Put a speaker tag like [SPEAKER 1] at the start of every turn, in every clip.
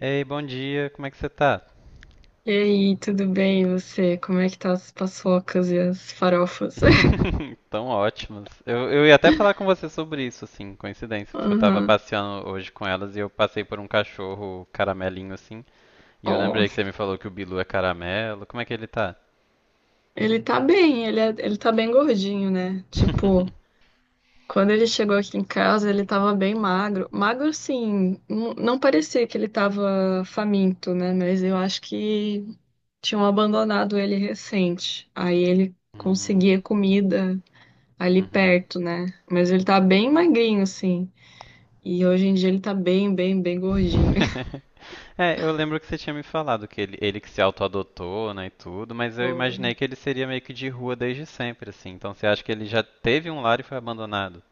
[SPEAKER 1] Ei, bom dia, como é que você tá?
[SPEAKER 2] E aí, tudo bem? E você? Como é que tá as paçocas e as farofas?
[SPEAKER 1] Tão ótimas. Eu ia até falar com você sobre isso, assim, coincidência, porque eu tava
[SPEAKER 2] Aham.
[SPEAKER 1] passeando hoje com elas e eu passei por um cachorro caramelinho, assim, e eu
[SPEAKER 2] Ó,
[SPEAKER 1] lembrei que você me falou que o Bilu é caramelo. Como é que ele tá?
[SPEAKER 2] ele tá bem, ele tá bem gordinho, né? Tipo, quando ele chegou aqui em casa, ele tava bem magro. Magro, sim, não parecia que ele tava faminto, né? Mas eu acho que tinham abandonado ele recente. Aí ele
[SPEAKER 1] Hum,
[SPEAKER 2] conseguia comida ali
[SPEAKER 1] uhum.
[SPEAKER 2] perto, né? Mas ele tá bem magrinho, sim. E hoje em dia ele tá bem, bem, bem gordinho.
[SPEAKER 1] É, eu lembro que você tinha me falado que ele que se auto-adotou, né, e tudo, mas eu
[SPEAKER 2] Pô,
[SPEAKER 1] imaginei que ele seria meio que de rua desde sempre, assim. Então você acha que ele já teve um lar e foi abandonado?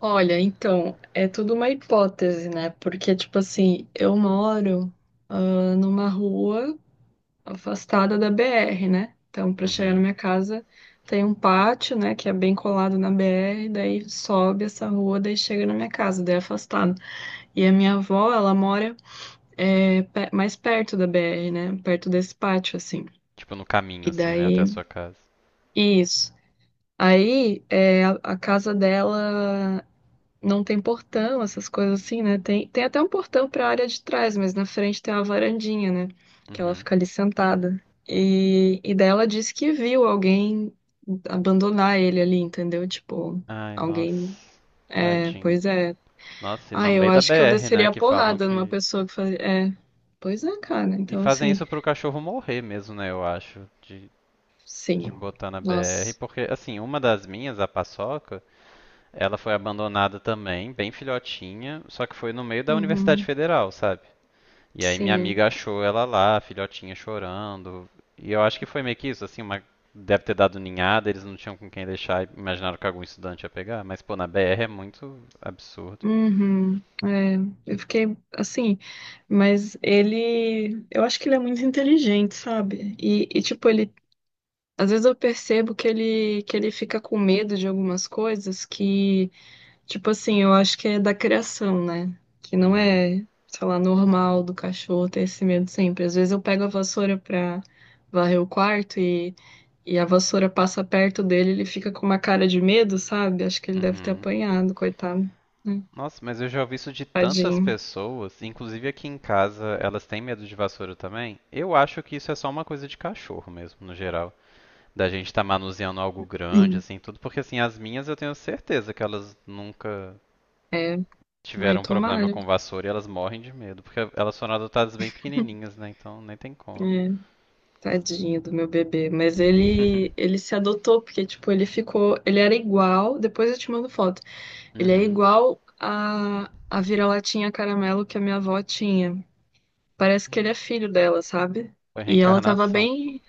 [SPEAKER 2] olha, então, é tudo uma hipótese, né? Porque, tipo assim, eu moro, numa rua afastada da BR, né? Então, para chegar na
[SPEAKER 1] Uhum.
[SPEAKER 2] minha casa, tem um pátio, né, que é bem colado na BR, daí sobe essa rua, daí chega na minha casa, daí é afastado. E a minha avó, ela mora, mais perto da BR, né? Perto desse pátio, assim.
[SPEAKER 1] Tipo, no caminho,
[SPEAKER 2] E
[SPEAKER 1] assim, né? Até a
[SPEAKER 2] daí,
[SPEAKER 1] sua casa.
[SPEAKER 2] isso. Aí, a casa dela. Não tem portão, essas coisas assim, né? Tem até um portão para a área de trás, mas na frente tem uma varandinha, né? Que ela
[SPEAKER 1] Uhum.
[SPEAKER 2] fica ali sentada. E daí ela disse que viu alguém abandonar ele ali, entendeu? Tipo,
[SPEAKER 1] Ai,
[SPEAKER 2] alguém.
[SPEAKER 1] nossa.
[SPEAKER 2] É,
[SPEAKER 1] Tadinho.
[SPEAKER 2] pois é.
[SPEAKER 1] Nossa, e
[SPEAKER 2] Ah,
[SPEAKER 1] no
[SPEAKER 2] eu
[SPEAKER 1] meio da
[SPEAKER 2] acho que eu
[SPEAKER 1] BR,
[SPEAKER 2] desceria
[SPEAKER 1] né?
[SPEAKER 2] a
[SPEAKER 1] Que falam
[SPEAKER 2] porrada numa
[SPEAKER 1] que.
[SPEAKER 2] pessoa que fazia. É, pois é, cara.
[SPEAKER 1] E
[SPEAKER 2] Então,
[SPEAKER 1] fazem
[SPEAKER 2] assim,
[SPEAKER 1] isso pro cachorro morrer mesmo, né? Eu acho. De
[SPEAKER 2] sim.
[SPEAKER 1] botar na BR.
[SPEAKER 2] Nossa.
[SPEAKER 1] Porque, assim, uma das minhas, a Paçoca, ela foi abandonada também, bem filhotinha. Só que foi no meio da Universidade
[SPEAKER 2] Uhum.
[SPEAKER 1] Federal, sabe? E aí minha
[SPEAKER 2] Sim.
[SPEAKER 1] amiga achou ela lá, a filhotinha chorando. E eu acho que foi meio que isso, assim, uma deve ter dado ninhada, eles não tinham com quem deixar e imaginaram que algum estudante ia pegar. Mas, pô, na BR é muito absurdo.
[SPEAKER 2] Uhum, é, eu fiquei assim, mas ele, eu acho que ele é muito inteligente, sabe? E, tipo, ele, às vezes eu percebo que ele fica com medo de algumas coisas que, tipo assim, eu acho que é da criação, né? Que não
[SPEAKER 1] Uhum,
[SPEAKER 2] é, sei lá, normal do cachorro ter esse medo sempre. Às vezes eu pego a vassoura pra varrer o quarto e a vassoura passa perto dele, ele fica com uma cara de medo, sabe? Acho que ele deve ter
[SPEAKER 1] uhum.
[SPEAKER 2] apanhado, coitado, né?
[SPEAKER 1] Nossa, mas eu já ouvi isso de tantas
[SPEAKER 2] Tadinho.
[SPEAKER 1] pessoas, inclusive aqui em casa, elas têm medo de vassoura também. Eu acho que isso é só uma coisa de cachorro mesmo, no geral. Da gente estar manuseando algo grande,
[SPEAKER 2] Sim.
[SPEAKER 1] assim, tudo, porque assim, as minhas eu tenho certeza que elas nunca
[SPEAKER 2] É, ai,
[SPEAKER 1] tiveram um problema
[SPEAKER 2] tomara.
[SPEAKER 1] com vassoura e elas morrem de medo, porque elas foram adotadas bem pequenininhas, né? Então nem tem como.
[SPEAKER 2] É, tadinho do meu bebê. Mas ele se adotou, porque, tipo, ele ficou. Ele era igual. Depois eu te mando foto. Ele é
[SPEAKER 1] Uhum.
[SPEAKER 2] igual a vira-latinha caramelo que a minha avó tinha. Parece que ele é filho dela, sabe?
[SPEAKER 1] Foi
[SPEAKER 2] E ela tava
[SPEAKER 1] reencarnação.
[SPEAKER 2] bem.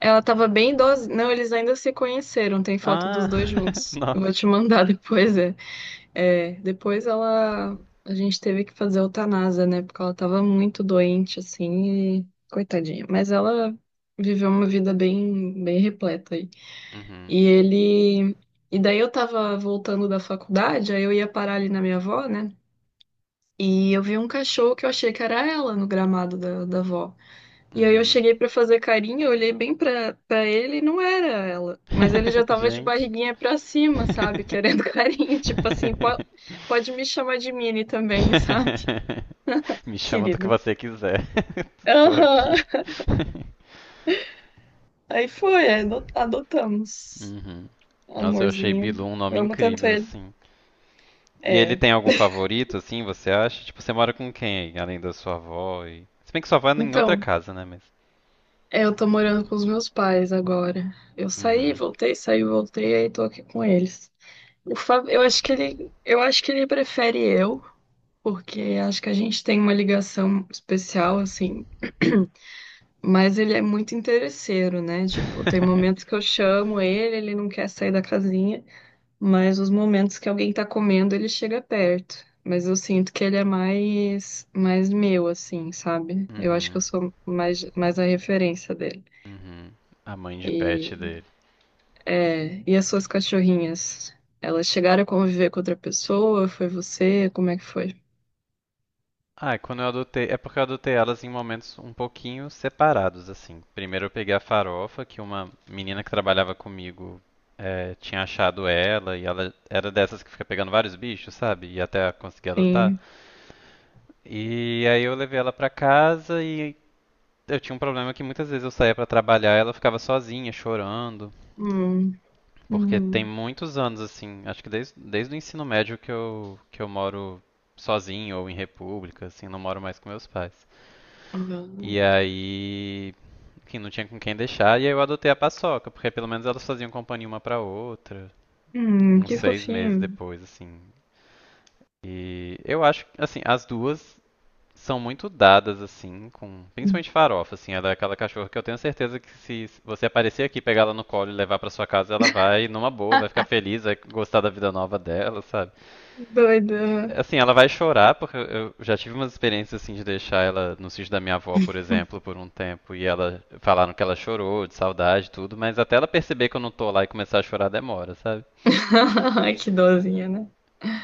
[SPEAKER 2] Ela tava bem idosa. Não, eles ainda se conheceram. Tem foto
[SPEAKER 1] Ah,
[SPEAKER 2] dos dois juntos. Eu
[SPEAKER 1] nossa.
[SPEAKER 2] vou te mandar depois, é. É, depois ela, a gente teve que fazer eutanásia, né? Porque ela tava muito doente, assim, e coitadinha. Mas ela viveu uma vida bem, bem repleta aí.
[SPEAKER 1] Uhum.
[SPEAKER 2] E ele, e daí eu tava voltando da faculdade, aí eu ia parar ali na minha avó, né? E eu vi um cachorro que eu achei que era ela no gramado da avó. E aí eu
[SPEAKER 1] Uhum.
[SPEAKER 2] cheguei pra fazer carinho, eu olhei bem pra ele e não era ela. Mas ele já tava de
[SPEAKER 1] Gente.
[SPEAKER 2] barriguinha pra cima, sabe? Querendo carinho. Tipo assim, pode, pode me chamar de Mini também, sabe?
[SPEAKER 1] Me chama do que
[SPEAKER 2] Querido.
[SPEAKER 1] você quiser. Tô
[SPEAKER 2] Aham.
[SPEAKER 1] aqui.
[SPEAKER 2] Aí foi, adotamos.
[SPEAKER 1] Uhum. Nossa, eu achei
[SPEAKER 2] Amorzinho.
[SPEAKER 1] Bilu um nome
[SPEAKER 2] Eu amo tanto
[SPEAKER 1] incrível,
[SPEAKER 2] ele.
[SPEAKER 1] assim. E ele
[SPEAKER 2] É.
[SPEAKER 1] tem algum favorito, assim, você acha? Tipo, você mora com quem aí, além da sua avó e Se bem que sua avó é em outra
[SPEAKER 2] Então,
[SPEAKER 1] casa, né, mas
[SPEAKER 2] eu tô morando com os meus pais agora. Eu
[SPEAKER 1] Uhum.
[SPEAKER 2] saí, voltei, aí tô aqui com eles. O Fábio, eu acho que ele prefere eu. Porque acho que a gente tem uma ligação especial, assim. Mas ele é muito interesseiro, né? Tipo, tem momentos que eu chamo ele, ele não quer sair da casinha, mas os momentos que alguém tá comendo, ele chega perto. Mas eu sinto que ele é mais meu, assim, sabe? Eu acho que eu
[SPEAKER 1] uhum.
[SPEAKER 2] sou mais a referência dele.
[SPEAKER 1] Uhum. A mãe de
[SPEAKER 2] E,
[SPEAKER 1] pet dele.
[SPEAKER 2] e as suas cachorrinhas? Elas chegaram a conviver com outra pessoa? Foi você? Como é que foi?
[SPEAKER 1] Ah, quando eu adotei É porque eu adotei elas em momentos um pouquinho separados, assim. Primeiro eu peguei a farofa, que uma menina que trabalhava comigo é, tinha achado ela e ela era dessas que fica pegando vários bichos, sabe? E até conseguir adotar.
[SPEAKER 2] Sim.
[SPEAKER 1] E aí eu levei ela pra casa e eu tinha um problema que muitas vezes eu saía pra trabalhar e ela ficava sozinha, chorando.
[SPEAKER 2] Hum,
[SPEAKER 1] Porque tem
[SPEAKER 2] uhum.
[SPEAKER 1] muitos anos, assim, acho que desde o ensino médio que eu moro sozinho ou em república, assim, não moro mais com meus pais. E
[SPEAKER 2] Hum,
[SPEAKER 1] aí, enfim, não tinha com quem deixar, e aí eu adotei a paçoca, porque pelo menos elas faziam companhia uma pra outra, uns
[SPEAKER 2] que
[SPEAKER 1] 6 meses
[SPEAKER 2] fofinho.
[SPEAKER 1] depois, assim. E eu acho, assim, as duas são muito dadas, assim, com. Principalmente farofa, assim, ela é aquela cachorra que eu tenho certeza que se você aparecer aqui, pegar ela no colo e levar pra sua casa, ela vai numa boa, vai ficar feliz, vai gostar da vida nova dela, sabe?
[SPEAKER 2] Doida.
[SPEAKER 1] Assim, ela vai chorar, porque eu já tive umas experiências assim de deixar ela no sítio da minha avó, por exemplo, por um tempo, e ela falaram que ela chorou de saudade e tudo, mas até ela perceber que eu não tô lá e começar a chorar demora, sabe?
[SPEAKER 2] Ai, que dozinha, né?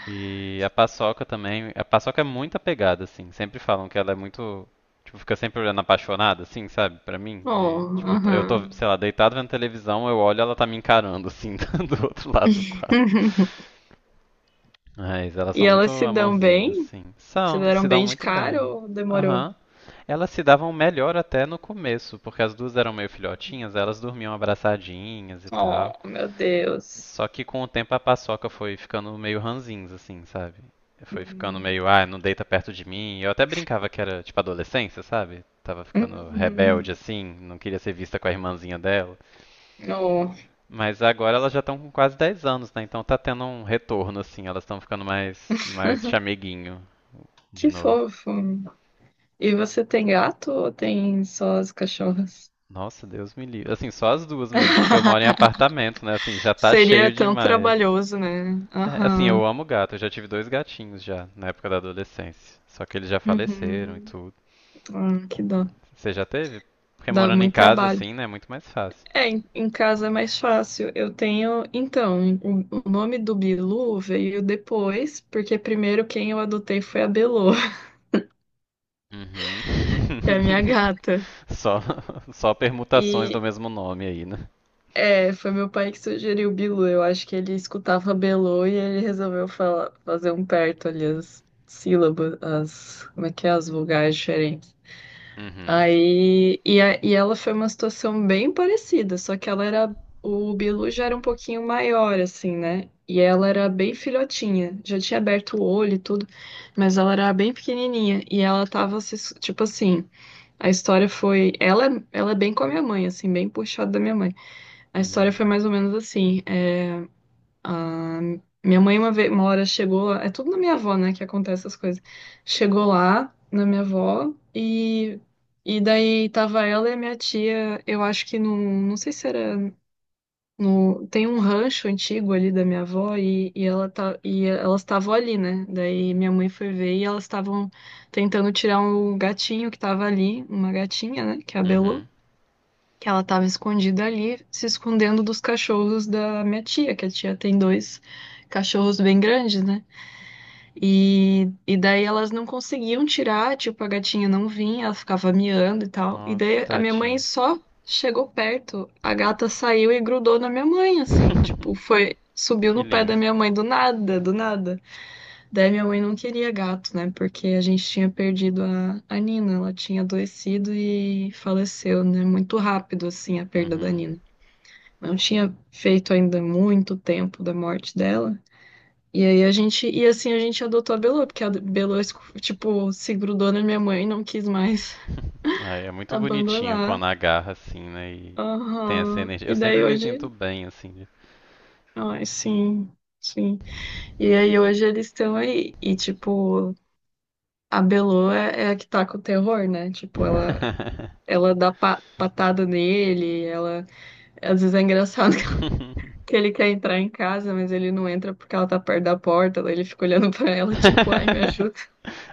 [SPEAKER 1] E a paçoca também. A paçoca é muito apegada, assim. Sempre falam que ela é muito. Tipo, fica sempre olhando apaixonada, assim, sabe? Pra mim. E,
[SPEAKER 2] Oh,
[SPEAKER 1] tipo, eu tô,
[SPEAKER 2] aham.
[SPEAKER 1] sei lá, deitado vendo televisão, eu olho e ela tá me encarando, assim, do outro lado do quarto. Mas elas
[SPEAKER 2] E
[SPEAKER 1] são muito
[SPEAKER 2] elas se dão
[SPEAKER 1] amorzinhos,
[SPEAKER 2] bem?
[SPEAKER 1] assim.
[SPEAKER 2] Se
[SPEAKER 1] São, se
[SPEAKER 2] deram
[SPEAKER 1] dão
[SPEAKER 2] bem de
[SPEAKER 1] muito
[SPEAKER 2] cara
[SPEAKER 1] bem.
[SPEAKER 2] ou demorou?
[SPEAKER 1] Aham. Elas se davam melhor até no começo, porque as duas eram meio filhotinhas, elas dormiam abraçadinhas e
[SPEAKER 2] Oh,
[SPEAKER 1] tal.
[SPEAKER 2] meu Deus.
[SPEAKER 1] Só que com o tempo a paçoca foi ficando meio ranzinza, assim, sabe? Foi ficando
[SPEAKER 2] Hum.
[SPEAKER 1] meio, ah, não deita perto de mim. Eu até brincava que era tipo adolescência, sabe? Tava ficando rebelde,
[SPEAKER 2] Uhum.
[SPEAKER 1] assim, não queria ser vista com a irmãzinha dela.
[SPEAKER 2] Oh,
[SPEAKER 1] Mas agora elas já estão com quase 10 anos, né? Então tá tendo um retorno, assim, elas estão ficando mais chameguinho de
[SPEAKER 2] que
[SPEAKER 1] novo.
[SPEAKER 2] fofo. E você tem gato ou tem só as cachorras?
[SPEAKER 1] Nossa, Deus me livre. Assim, só as duas mesmo, porque eu moro em apartamento, né? Assim, já tá
[SPEAKER 2] Seria
[SPEAKER 1] cheio
[SPEAKER 2] tão
[SPEAKER 1] demais.
[SPEAKER 2] trabalhoso, né?
[SPEAKER 1] É, assim, eu
[SPEAKER 2] Aham.
[SPEAKER 1] amo gato. Eu já tive dois gatinhos já, na época da adolescência. Só que eles já faleceram e
[SPEAKER 2] Uhum.
[SPEAKER 1] tudo.
[SPEAKER 2] Ah, que dó.
[SPEAKER 1] Você já teve? Porque
[SPEAKER 2] Dá
[SPEAKER 1] morando em
[SPEAKER 2] muito
[SPEAKER 1] casa,
[SPEAKER 2] trabalho.
[SPEAKER 1] assim, né, é muito mais fácil.
[SPEAKER 2] É, em casa é mais fácil. Eu tenho. Então, o nome do Bilu veio depois, porque primeiro quem eu adotei foi a Belô,
[SPEAKER 1] Uhum.
[SPEAKER 2] que é a minha gata.
[SPEAKER 1] Só, só permutações do
[SPEAKER 2] E
[SPEAKER 1] mesmo nome aí, né?
[SPEAKER 2] foi meu pai que sugeriu o Bilu. Eu acho que ele escutava Belô e ele resolveu falar, fazer um perto ali as sílabas, as, como é que é, as vogais diferentes.
[SPEAKER 1] Uhum.
[SPEAKER 2] Aí, e ela foi uma situação bem parecida, só que ela era, o Bilu já era um pouquinho maior, assim, né? E ela era bem filhotinha, já tinha aberto o olho e tudo, mas ela era bem pequenininha, e ela tava, se su- tipo assim, a história foi, ela, ela é bem com a minha mãe, assim, bem puxada da minha mãe. A história
[SPEAKER 1] Uhum.
[SPEAKER 2] foi mais ou menos assim, ah, minha mãe uma vez, uma hora chegou, é tudo na minha avó, né, que acontece essas coisas. Chegou lá na minha avó e daí tava ela e a minha tia, eu acho que no, não sei se era no, tem um rancho antigo ali da minha avó e elas estavam ali, né? Daí minha mãe foi ver e elas estavam tentando tirar um gatinho que tava ali, uma gatinha, né, que é a Belu
[SPEAKER 1] Uhum.
[SPEAKER 2] que ela estava escondida ali, se escondendo dos cachorros da minha tia, que a tia tem dois cachorros bem grandes, né? E daí elas não conseguiam tirar, tipo, a gatinha não vinha, ela ficava miando e tal. E
[SPEAKER 1] Nossa,
[SPEAKER 2] daí a minha mãe
[SPEAKER 1] tadinho.
[SPEAKER 2] só chegou perto, a gata saiu e grudou na minha mãe, assim, tipo, foi, subiu
[SPEAKER 1] Que
[SPEAKER 2] no pé da
[SPEAKER 1] lindo.
[SPEAKER 2] minha mãe do nada, do nada. Daí minha mãe não queria gato, né? Porque a gente tinha perdido a Nina, ela tinha adoecido e faleceu, né? Muito rápido, assim, a perda da
[SPEAKER 1] Uhum.
[SPEAKER 2] Nina. Não tinha feito ainda muito tempo da morte dela. E aí a gente, e assim a gente adotou a Belô, porque a Belô, tipo, se grudou na minha mãe e não quis mais
[SPEAKER 1] Ai, é muito bonitinho
[SPEAKER 2] abandonar.
[SPEAKER 1] quando agarra assim, né? E tem essa
[SPEAKER 2] Aham.
[SPEAKER 1] energia. Eu
[SPEAKER 2] E
[SPEAKER 1] sempre
[SPEAKER 2] daí
[SPEAKER 1] me sinto
[SPEAKER 2] hoje,
[SPEAKER 1] bem assim. De-
[SPEAKER 2] ai, sim, sim. E aí hoje eles estão aí. E tipo, a Belô é a que tá com o terror, né? Tipo, ela dá patada nele, ela. Às vezes é engraçado que ele quer entrar em casa, mas ele não entra porque ela tá perto da porta, daí ele fica olhando pra ela, tipo, ai, me ajuda.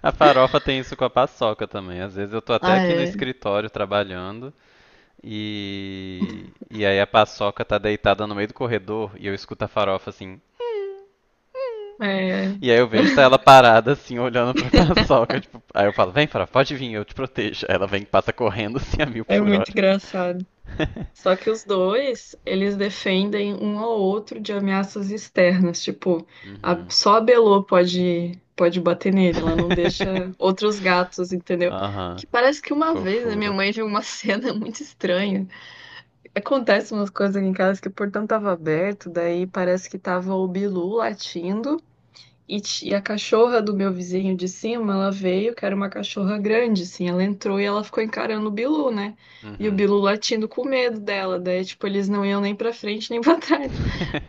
[SPEAKER 1] A farofa tem isso com a paçoca também. Às vezes eu tô até
[SPEAKER 2] Ah,
[SPEAKER 1] aqui no
[SPEAKER 2] é.
[SPEAKER 1] escritório trabalhando e aí a paçoca tá deitada no meio do corredor e eu escuto a farofa assim.
[SPEAKER 2] É,
[SPEAKER 1] E aí eu vejo tá ela parada assim olhando pra paçoca, tipo, aí eu falo: "Vem, farofa, pode vir, eu te protejo". Aí ela vem e passa correndo assim a mil
[SPEAKER 2] é
[SPEAKER 1] por
[SPEAKER 2] muito
[SPEAKER 1] hora.
[SPEAKER 2] engraçado. Só que os dois, eles defendem um ao outro de ameaças externas, tipo,
[SPEAKER 1] Uhum.
[SPEAKER 2] só a Belô pode bater nele, ela não deixa outros gatos, entendeu?
[SPEAKER 1] Aham,
[SPEAKER 2] Que parece que uma
[SPEAKER 1] fofo.
[SPEAKER 2] vez a minha mãe viu uma cena muito estranha. Acontece umas coisas aqui em casa que o portão tava aberto, daí parece que tava o Bilu latindo e a cachorra do meu vizinho de cima, ela veio, que era uma cachorra grande, assim, ela entrou e ela ficou encarando o Bilu, né? E o
[SPEAKER 1] Uhum.
[SPEAKER 2] Bilu latindo com medo dela, daí, tipo, eles não iam nem pra frente nem pra trás.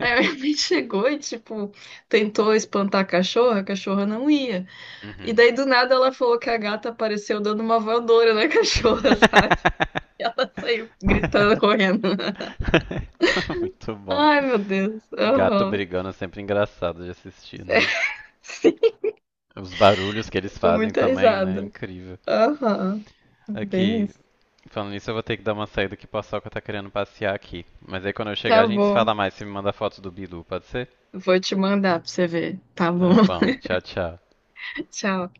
[SPEAKER 2] Aí a minha mãe chegou e, tipo, tentou espantar a cachorra não ia. E
[SPEAKER 1] Uhum.
[SPEAKER 2] daí, do nada, ela falou que a gata apareceu dando uma voadora na cachorra, sabe? Ela saiu gritando, correndo.
[SPEAKER 1] Muito bom.
[SPEAKER 2] Ai, meu Deus.
[SPEAKER 1] Gato
[SPEAKER 2] Aham.
[SPEAKER 1] brigando é sempre engraçado de assistir, né?
[SPEAKER 2] Sim,
[SPEAKER 1] Os barulhos que eles
[SPEAKER 2] dou
[SPEAKER 1] fazem
[SPEAKER 2] muita
[SPEAKER 1] também, né? É
[SPEAKER 2] risada.
[SPEAKER 1] incrível.
[SPEAKER 2] Aham. Bem
[SPEAKER 1] Aqui,
[SPEAKER 2] isso.
[SPEAKER 1] falando nisso, eu vou ter que dar uma saída que o Paçoca tá querendo passear aqui. Mas aí quando eu chegar, a
[SPEAKER 2] Tá
[SPEAKER 1] gente se
[SPEAKER 2] bom.
[SPEAKER 1] fala mais. Se me manda foto do Bilu, pode ser?
[SPEAKER 2] Vou te mandar pra você ver. Tá bom.
[SPEAKER 1] Tá bom. Tchau, tchau.
[SPEAKER 2] Tchau.